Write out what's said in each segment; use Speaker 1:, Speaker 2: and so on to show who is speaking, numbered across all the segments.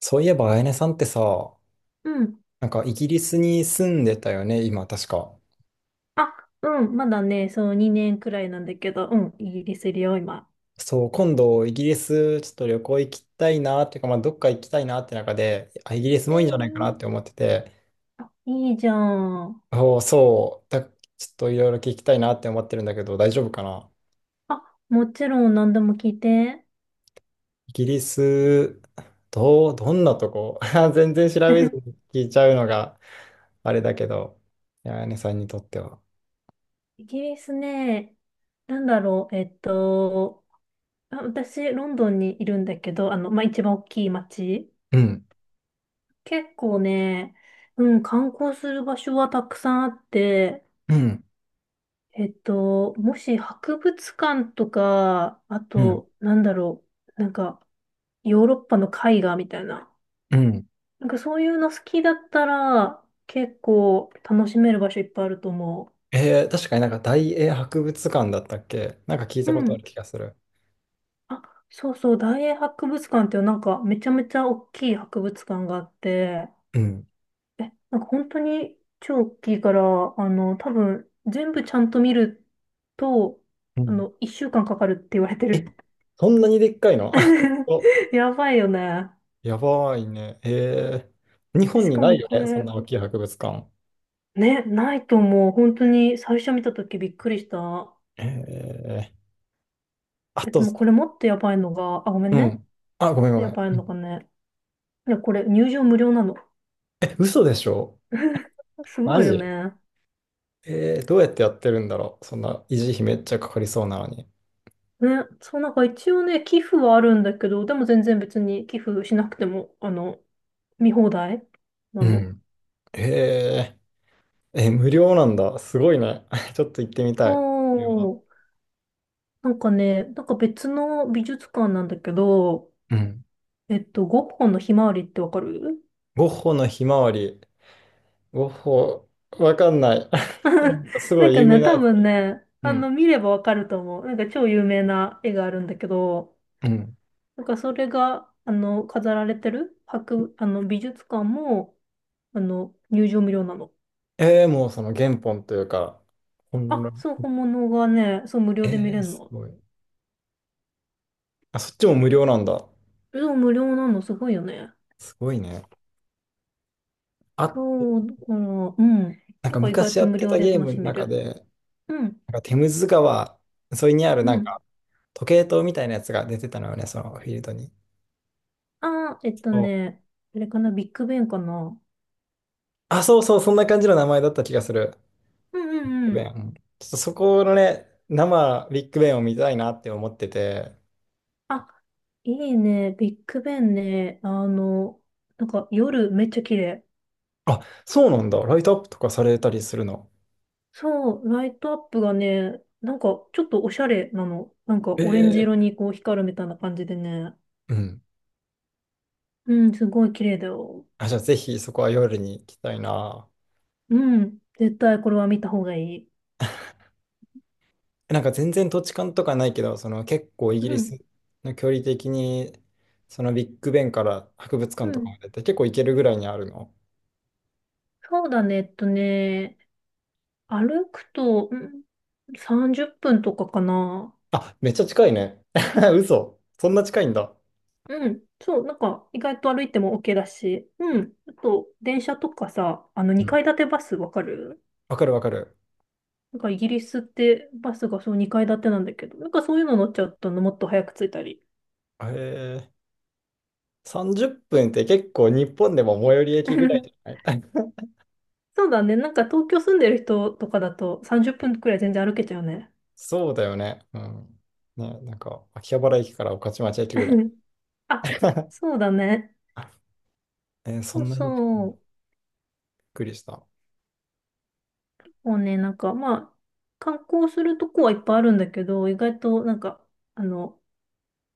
Speaker 1: そういえば、あやねさんってさ、
Speaker 2: うん。
Speaker 1: なんかイギリスに住んでたよね、今確か。
Speaker 2: あ、うん。まだね、そう、2年くらいなんだけど、うん。イギリスいるよ、今。
Speaker 1: そう、今度イギリスちょっと旅行行きたいなっていうか、まあ、どっか行きたいなって中で、あ、イギリス
Speaker 2: え
Speaker 1: もいいんじゃないかな
Speaker 2: ー、
Speaker 1: って思ってて、
Speaker 2: あ、いいじゃん。
Speaker 1: おーそう、ちょっといろいろ聞きたいなって思ってるんだけど、大丈夫かな？
Speaker 2: あ、もちろん何でも聞いて。
Speaker 1: イギリス、どう、どんなとこ？ 全然調べずに 聞いちゃうのが、あれだけど、あやねさんにとっては。
Speaker 2: イギリスね、なんだろう、あ私、ロンドンにいるんだけど、まあ、一番大きい街。
Speaker 1: うん、
Speaker 2: 結構ね、うん、観光する場所はたくさんあって、
Speaker 1: うん、
Speaker 2: もし博物館とか、あ
Speaker 1: うん、
Speaker 2: と、なんだろう、なんか、ヨーロッパの絵画みたいな。
Speaker 1: うん。
Speaker 2: なんかそういうの好きだったら、結構楽しめる場所いっぱいあると思
Speaker 1: えー、確かになんか大英博物館だったっけ？なんか聞い
Speaker 2: う。
Speaker 1: た
Speaker 2: う
Speaker 1: ことある
Speaker 2: ん。
Speaker 1: 気がする。
Speaker 2: あ、そうそう、大英博物館っていうなんかめちゃめちゃ大きい博物館があって、
Speaker 1: うん。
Speaker 2: え、なんか本当に超大きいから、多分全部ちゃんと見ると、
Speaker 1: うん。
Speaker 2: 一週間かんかかるって言われて
Speaker 1: え、
Speaker 2: る。
Speaker 1: そんなにでっかいの？ お、
Speaker 2: やばいよね。
Speaker 1: やばいね。えー、日本
Speaker 2: し
Speaker 1: に
Speaker 2: か
Speaker 1: ない
Speaker 2: も
Speaker 1: よ
Speaker 2: こ
Speaker 1: ね、そん
Speaker 2: れ、
Speaker 1: な大きい博物館。
Speaker 2: ね、ないと思う。本当に最初見た時びっくりした。
Speaker 1: えー、あ
Speaker 2: え、で
Speaker 1: と、
Speaker 2: もこれもっとやばいのが、あ、ごめん
Speaker 1: う
Speaker 2: ね。
Speaker 1: ん。あ、ごめんごめ
Speaker 2: や
Speaker 1: ん。
Speaker 2: ばい
Speaker 1: う
Speaker 2: のが
Speaker 1: ん。
Speaker 2: ね。いや、これ入場無料なの。
Speaker 1: え、嘘でしょ？
Speaker 2: す
Speaker 1: マ
Speaker 2: ごいよ
Speaker 1: ジ？
Speaker 2: ね。
Speaker 1: えー、どうやってやってるんだろう、そんな維持費めっちゃかかりそうなのに。
Speaker 2: ね、そうなんか一応ね、寄付はあるんだけど、でも全然別に寄付しなくても、見放題な
Speaker 1: う
Speaker 2: の。
Speaker 1: ん。えー、え、無料なんだ。すごいね。ちょっと行ってみたい。無料は。
Speaker 2: そう。なんかね、なんか別の美術館なんだけど、
Speaker 1: うん。
Speaker 2: ゴッホのひまわりってわかる？
Speaker 1: ゴッホのひまわり。ゴッホ、わかんない。すご
Speaker 2: なん
Speaker 1: い
Speaker 2: か
Speaker 1: 有名
Speaker 2: ね、
Speaker 1: な
Speaker 2: 多
Speaker 1: や
Speaker 2: 分
Speaker 1: つ？
Speaker 2: ね、
Speaker 1: うん。
Speaker 2: 見ればわかると思う。なんか超有名な絵があるんだけど、
Speaker 1: うん。
Speaker 2: なんかそれが、飾られてる美術館も、入場無料なの。
Speaker 1: えー、もうその原本というか、本
Speaker 2: あ、
Speaker 1: 来。
Speaker 2: そう、本物がね、そう、無料で見
Speaker 1: え
Speaker 2: れ
Speaker 1: ー、
Speaker 2: る
Speaker 1: す
Speaker 2: の。
Speaker 1: ごい。あ、そっちも無料なんだ。
Speaker 2: そう、無料なの、すごいよね。
Speaker 1: すごいね。あ、
Speaker 2: そう、だから、うん。
Speaker 1: なん
Speaker 2: な
Speaker 1: か
Speaker 2: んか意
Speaker 1: 昔
Speaker 2: 外
Speaker 1: や
Speaker 2: と
Speaker 1: っ
Speaker 2: 無
Speaker 1: て
Speaker 2: 料
Speaker 1: た
Speaker 2: で
Speaker 1: ゲー
Speaker 2: 楽
Speaker 1: ム
Speaker 2: し
Speaker 1: の
Speaker 2: め
Speaker 1: 中
Speaker 2: る。
Speaker 1: で、
Speaker 2: うん、
Speaker 1: なんかテムズ川沿いにある
Speaker 2: う
Speaker 1: なん
Speaker 2: ん。
Speaker 1: か時計塔みたいなやつが出てたのよね、そのフィールドに。
Speaker 2: あー、えっと
Speaker 1: そう、
Speaker 2: ね、あれかな、ビッグベンかな。
Speaker 1: あ、そうそう、そんな感じの名前だった気がする。
Speaker 2: うんう
Speaker 1: ビッ
Speaker 2: んう
Speaker 1: グベ
Speaker 2: ん。
Speaker 1: ン。うん、ちょっとそこのね、生ビッグベンを見たいなって思ってて、
Speaker 2: あ、いいね、ビッグベンね、なんか夜めっちゃ綺麗。
Speaker 1: あ、そうなんだ。ライトアップとかされたりするの？
Speaker 2: そう、ライトアップがね、なんかちょっとおしゃれなの。なんかオレンジ
Speaker 1: ええ、
Speaker 2: 色にこう光るみたいな感じでね。
Speaker 1: うん。
Speaker 2: うん、すごい綺麗だよ。
Speaker 1: あ、じゃあぜひそこは夜に行きたいな。
Speaker 2: うん、絶対これは見た方がいい。
Speaker 1: なんか全然土地勘とかないけど、その結構イギ
Speaker 2: う
Speaker 1: リ
Speaker 2: ん、
Speaker 1: スの距離的に、そのビッグベンから博物
Speaker 2: う
Speaker 1: 館とかま
Speaker 2: ん。
Speaker 1: でって結構行けるぐらいにあるの？
Speaker 2: そうだね、歩くと、うん、30分とかかな。
Speaker 1: あ、めっちゃ近いね。嘘。そんな近いんだ。
Speaker 2: うん、そう、なんか意外と歩いても OK だし。うん、あと電車とかさ、あの
Speaker 1: うん、
Speaker 2: 2階建てバスわかる？
Speaker 1: わかるわかる。
Speaker 2: なんかイギリスってバスがそう2階建てなんだけど、なんかそういうの乗っちゃうともっと早く着いたり。
Speaker 1: ええ、30分っぷんって結構日本でも最寄り駅ぐらいじゃ ない？
Speaker 2: そうだね。なんか東京住んでる人とかだと30分くらい全然歩けちゃうね。
Speaker 1: そうだよね。うん。ね、なんか秋葉原駅から御徒町駅ぐらい。
Speaker 2: あ、そうだね。
Speaker 1: えー、そ
Speaker 2: そう
Speaker 1: んなに近いの？
Speaker 2: そ
Speaker 1: びっ
Speaker 2: う。
Speaker 1: くりした。
Speaker 2: もうね、なんかまあ、観光するとこはいっぱいあるんだけど、意外となんか、あの、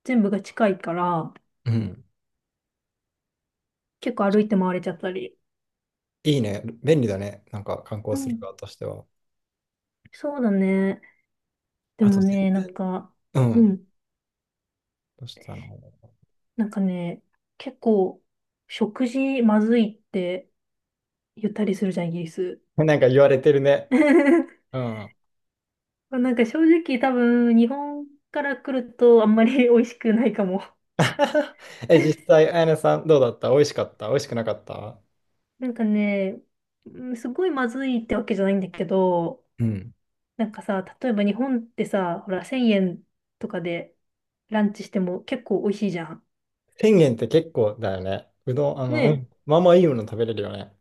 Speaker 2: 全部が近いから、
Speaker 1: うん。
Speaker 2: 結構歩いて回れちゃったり。
Speaker 1: いいね。便利だね、なんか観光
Speaker 2: う
Speaker 1: する
Speaker 2: ん。
Speaker 1: 側としては。
Speaker 2: そうだね。で
Speaker 1: あと
Speaker 2: も
Speaker 1: 全
Speaker 2: ね、なん
Speaker 1: 然。
Speaker 2: か、
Speaker 1: う
Speaker 2: う
Speaker 1: ん。
Speaker 2: ん。
Speaker 1: どうしたの？
Speaker 2: なんかね、結構、食事まずいって言ったりするじゃん、イギリス。
Speaker 1: なんか言われてるね。う ん。
Speaker 2: なんか正直多分、日本から来るとあんまり 美味しくないかも。
Speaker 1: え、実 際、あやねさんどうだった？美味しかった、美味しくなかった？
Speaker 2: なんかね、うんすごいまずいってわけじゃないんだけど、
Speaker 1: うん。
Speaker 2: なんかさ、例えば日本ってさ、ほら、1000円とかでランチしても結構美味しいじゃん。
Speaker 1: 1 0って結構だよね。うどん、あの、う
Speaker 2: ね
Speaker 1: ん、まあまあいいもの食べれるよね。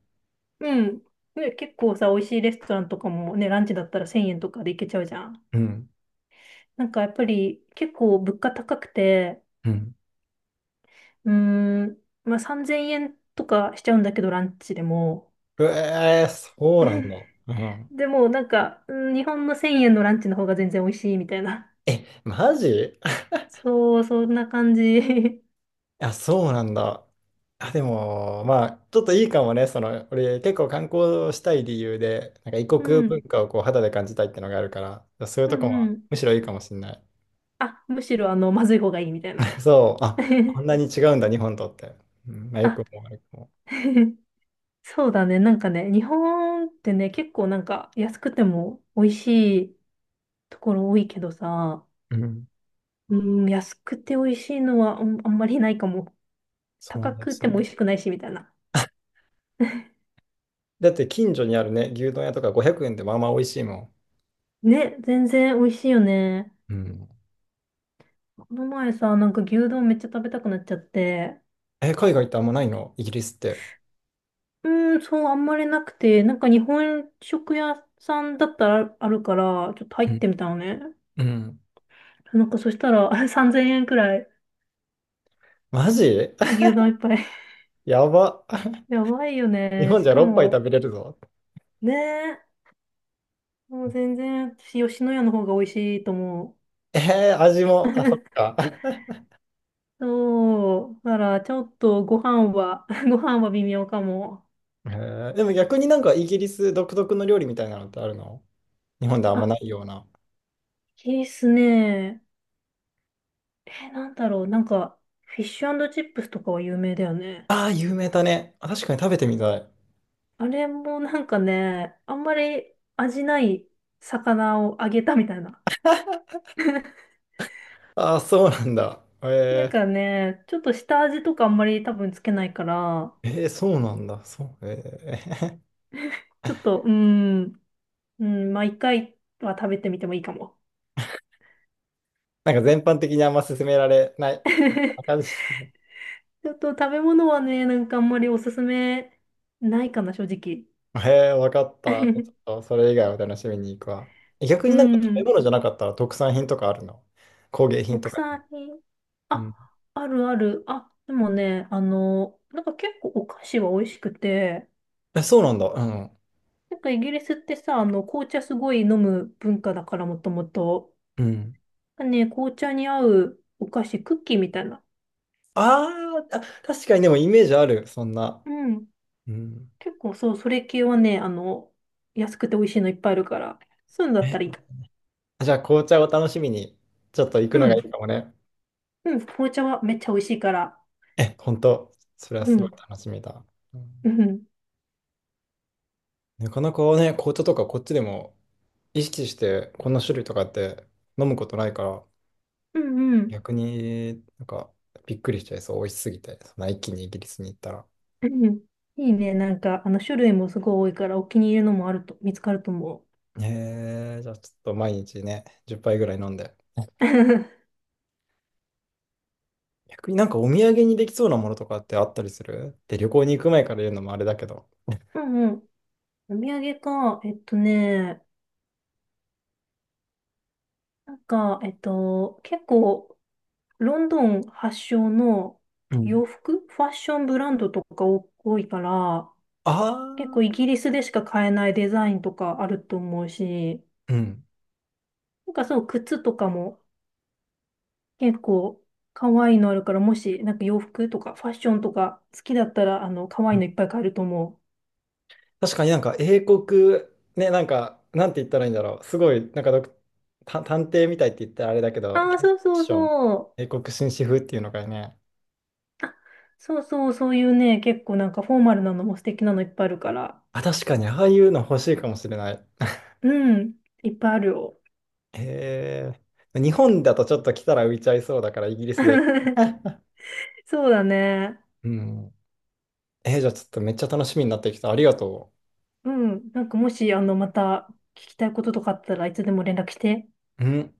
Speaker 2: え、うん。ね、結構さ、美味しいレストランとかもね、ランチだったら1000円とかで行けちゃうじゃん。
Speaker 1: うん。
Speaker 2: なんかやっぱり結構物価高くて、
Speaker 1: うん。
Speaker 2: うーん、まあ3000円とかしちゃうんだけど、ランチでも。
Speaker 1: うえー、そうなん だ。うん。
Speaker 2: でもなんか、うん日本の1000円のランチの方が全然美味しいみたいな。
Speaker 1: え、マジ？
Speaker 2: そう、そんな感じ。
Speaker 1: あ、そうなんだ。あ、でも、まあ、ちょっといいかもね。その、俺、結構観光したい理由で、なんか異
Speaker 2: う
Speaker 1: 国文
Speaker 2: ん、
Speaker 1: 化をこう肌で感じたいってのがあるから、そういう
Speaker 2: う
Speaker 1: とこ
Speaker 2: ん、う
Speaker 1: も
Speaker 2: ん。
Speaker 1: むしろいいかもしんない。
Speaker 2: あ、むしろまずい方がいいみたいな。
Speaker 1: そう、あ、こんな に違うんだ、日本とって。うん、まあ、よく
Speaker 2: あ、
Speaker 1: も悪くも。
Speaker 2: そうだね。なんかね、日本ってね、結構なんか安くても美味しいところ多いけどさ、
Speaker 1: うん、
Speaker 2: うん、安くて美味しいのはうんあんまりないかも。
Speaker 1: そうな
Speaker 2: 高
Speaker 1: んで
Speaker 2: く
Speaker 1: す
Speaker 2: ても美
Speaker 1: よ。
Speaker 2: 味しくないし、みたいな。
Speaker 1: だって、近所にあるね、牛丼屋とか500円でまあまあ美味しいも
Speaker 2: ね、全然美味しいよね。
Speaker 1: ん。うん。
Speaker 2: この前さ、なんか牛丼めっちゃ食べたくなっちゃって。
Speaker 1: え、海外ってあんまないの、イギリスって？
Speaker 2: うーん、そう、あんまりなくて、なんか日本食屋さんだったらあるから、ちょっと入
Speaker 1: う
Speaker 2: っ
Speaker 1: ん。
Speaker 2: てみたのね。
Speaker 1: うん。
Speaker 2: なんかそしたら、あれ3000円くらい、
Speaker 1: マジ？
Speaker 2: 牛丼一杯。
Speaker 1: やば。
Speaker 2: やばいよ
Speaker 1: 日
Speaker 2: ね。
Speaker 1: 本
Speaker 2: し
Speaker 1: じゃ
Speaker 2: か
Speaker 1: 6杯食
Speaker 2: も、
Speaker 1: べれるぞ。
Speaker 2: ねえ、もう全然私、吉野家の方が美味しいと思う。
Speaker 1: ええー、味も、あ、そっか。
Speaker 2: そう、だからちょっとご飯は、ご飯は微妙かも。
Speaker 1: えー、でも逆になんかイギリス独特の料理みたいなのってあるの？日本であんま
Speaker 2: あ、
Speaker 1: ないような。
Speaker 2: いいっすね。え、なんだろう、なんか、フィッシュチップスとかは有名だよね。
Speaker 1: ああ、有名だね。あ、確かに食べてみたい。
Speaker 2: あれもなんかね、あんまり味ない魚を揚げたみたいな。
Speaker 1: ああ、そうなんだ。
Speaker 2: なん
Speaker 1: ええ
Speaker 2: かね、ちょっと下味とかあんまり多分つけないから、
Speaker 1: えー、そうなんだ。そう。えー
Speaker 2: ちょっと、うーん、うん、まあ一回は食べてみてもいいかも。
Speaker 1: なんか全般的にあんま勧められない。そんな感 じ。
Speaker 2: ちょっと食べ物はね、なんかあんまりおすすめないかな、正直。
Speaker 1: ええ、わかった。ちょっ とそれ以外を楽しみに行くわ。逆
Speaker 2: う
Speaker 1: になんか食べ
Speaker 2: ん、
Speaker 1: 物じゃなかったら特産品とかあるの？工芸品
Speaker 2: 国
Speaker 1: とか。
Speaker 2: 産品。
Speaker 1: う
Speaker 2: あ、
Speaker 1: ん。
Speaker 2: あるある。あ、でもね、なんか結構お菓子は美味しくて、
Speaker 1: え、そうなんだ。うん。
Speaker 2: なんかイギリスってさ、紅茶すごい飲む文化だからもともと。
Speaker 1: うん。
Speaker 2: ね、紅茶に合うお菓子、クッキーみたいな。
Speaker 1: あー、あ、確かにでもイメージある、そんな。
Speaker 2: うん。
Speaker 1: うん。
Speaker 2: 結構そう、それ系はね、安くて美味しいのいっぱいあるから、そういうのだった
Speaker 1: え、
Speaker 2: らいい。
Speaker 1: あ、じゃあ、紅茶を楽しみに、ちょっと行
Speaker 2: う
Speaker 1: くのがいい
Speaker 2: ん。
Speaker 1: かもね。
Speaker 2: うん。紅茶はめっちゃ美味しいから。
Speaker 1: え、本当？それは
Speaker 2: う
Speaker 1: すごい
Speaker 2: ん。
Speaker 1: 楽しみだ。う
Speaker 2: う
Speaker 1: ん、
Speaker 2: ん。
Speaker 1: なかなかね、紅茶とかこっちでも意識して、こんな種類とかって飲むことないから、
Speaker 2: うん。うん。
Speaker 1: 逆になんかびっくりしちゃいそう、美味しすぎて、そんな一気にイギリスに行ったら。
Speaker 2: うんいいね。なんか、種類もすごい多いから、お気に入りのもあると、見つかると思う。
Speaker 1: えー、じゃあちょっと毎日ね、10杯ぐらい飲んで。逆になんかお土産にできそうなものとかってあったりする？で、旅行に行く前から言うのもあれだけど。
Speaker 2: うんうん。お土産か。なんか、結構、ロンドン発祥の
Speaker 1: うん。
Speaker 2: 洋服、ファッションブランドとか多いから、結
Speaker 1: あ
Speaker 2: 構イギリスでしか買えないデザインとかあると思うし、
Speaker 1: あ、うん。
Speaker 2: なんかそう、靴とかも結構可愛いのあるから、もし、なんか洋服とかファッションとか好きだったら、可愛いのいっぱい買えると思う。
Speaker 1: 確かになんか英国、ね、なんか、なんて言ったらいいんだろう。すごい、なんかドクた探偵みたいって言ったらあれだけど、
Speaker 2: ああ、
Speaker 1: ケンフ
Speaker 2: そう
Speaker 1: ィク
Speaker 2: そう
Speaker 1: ション、
Speaker 2: そう。
Speaker 1: 英国紳士風っていうのがね。
Speaker 2: あそうそう、そういうね、結構なんかフォーマルなのも素敵なのいっぱいあるから。
Speaker 1: あ、確かに、ああいうの欲しいかもしれない。
Speaker 2: うん、いっぱいあるよ。
Speaker 1: えー、日本だとちょっと来たら浮いちゃいそうだから、イギリスで。
Speaker 2: そうだね。
Speaker 1: うん。えー、じゃあちょっとめっちゃ楽しみになってきた。ありがと
Speaker 2: うん、なんかもし、また聞きたいこととかあったらいつでも連絡して。
Speaker 1: う。うん。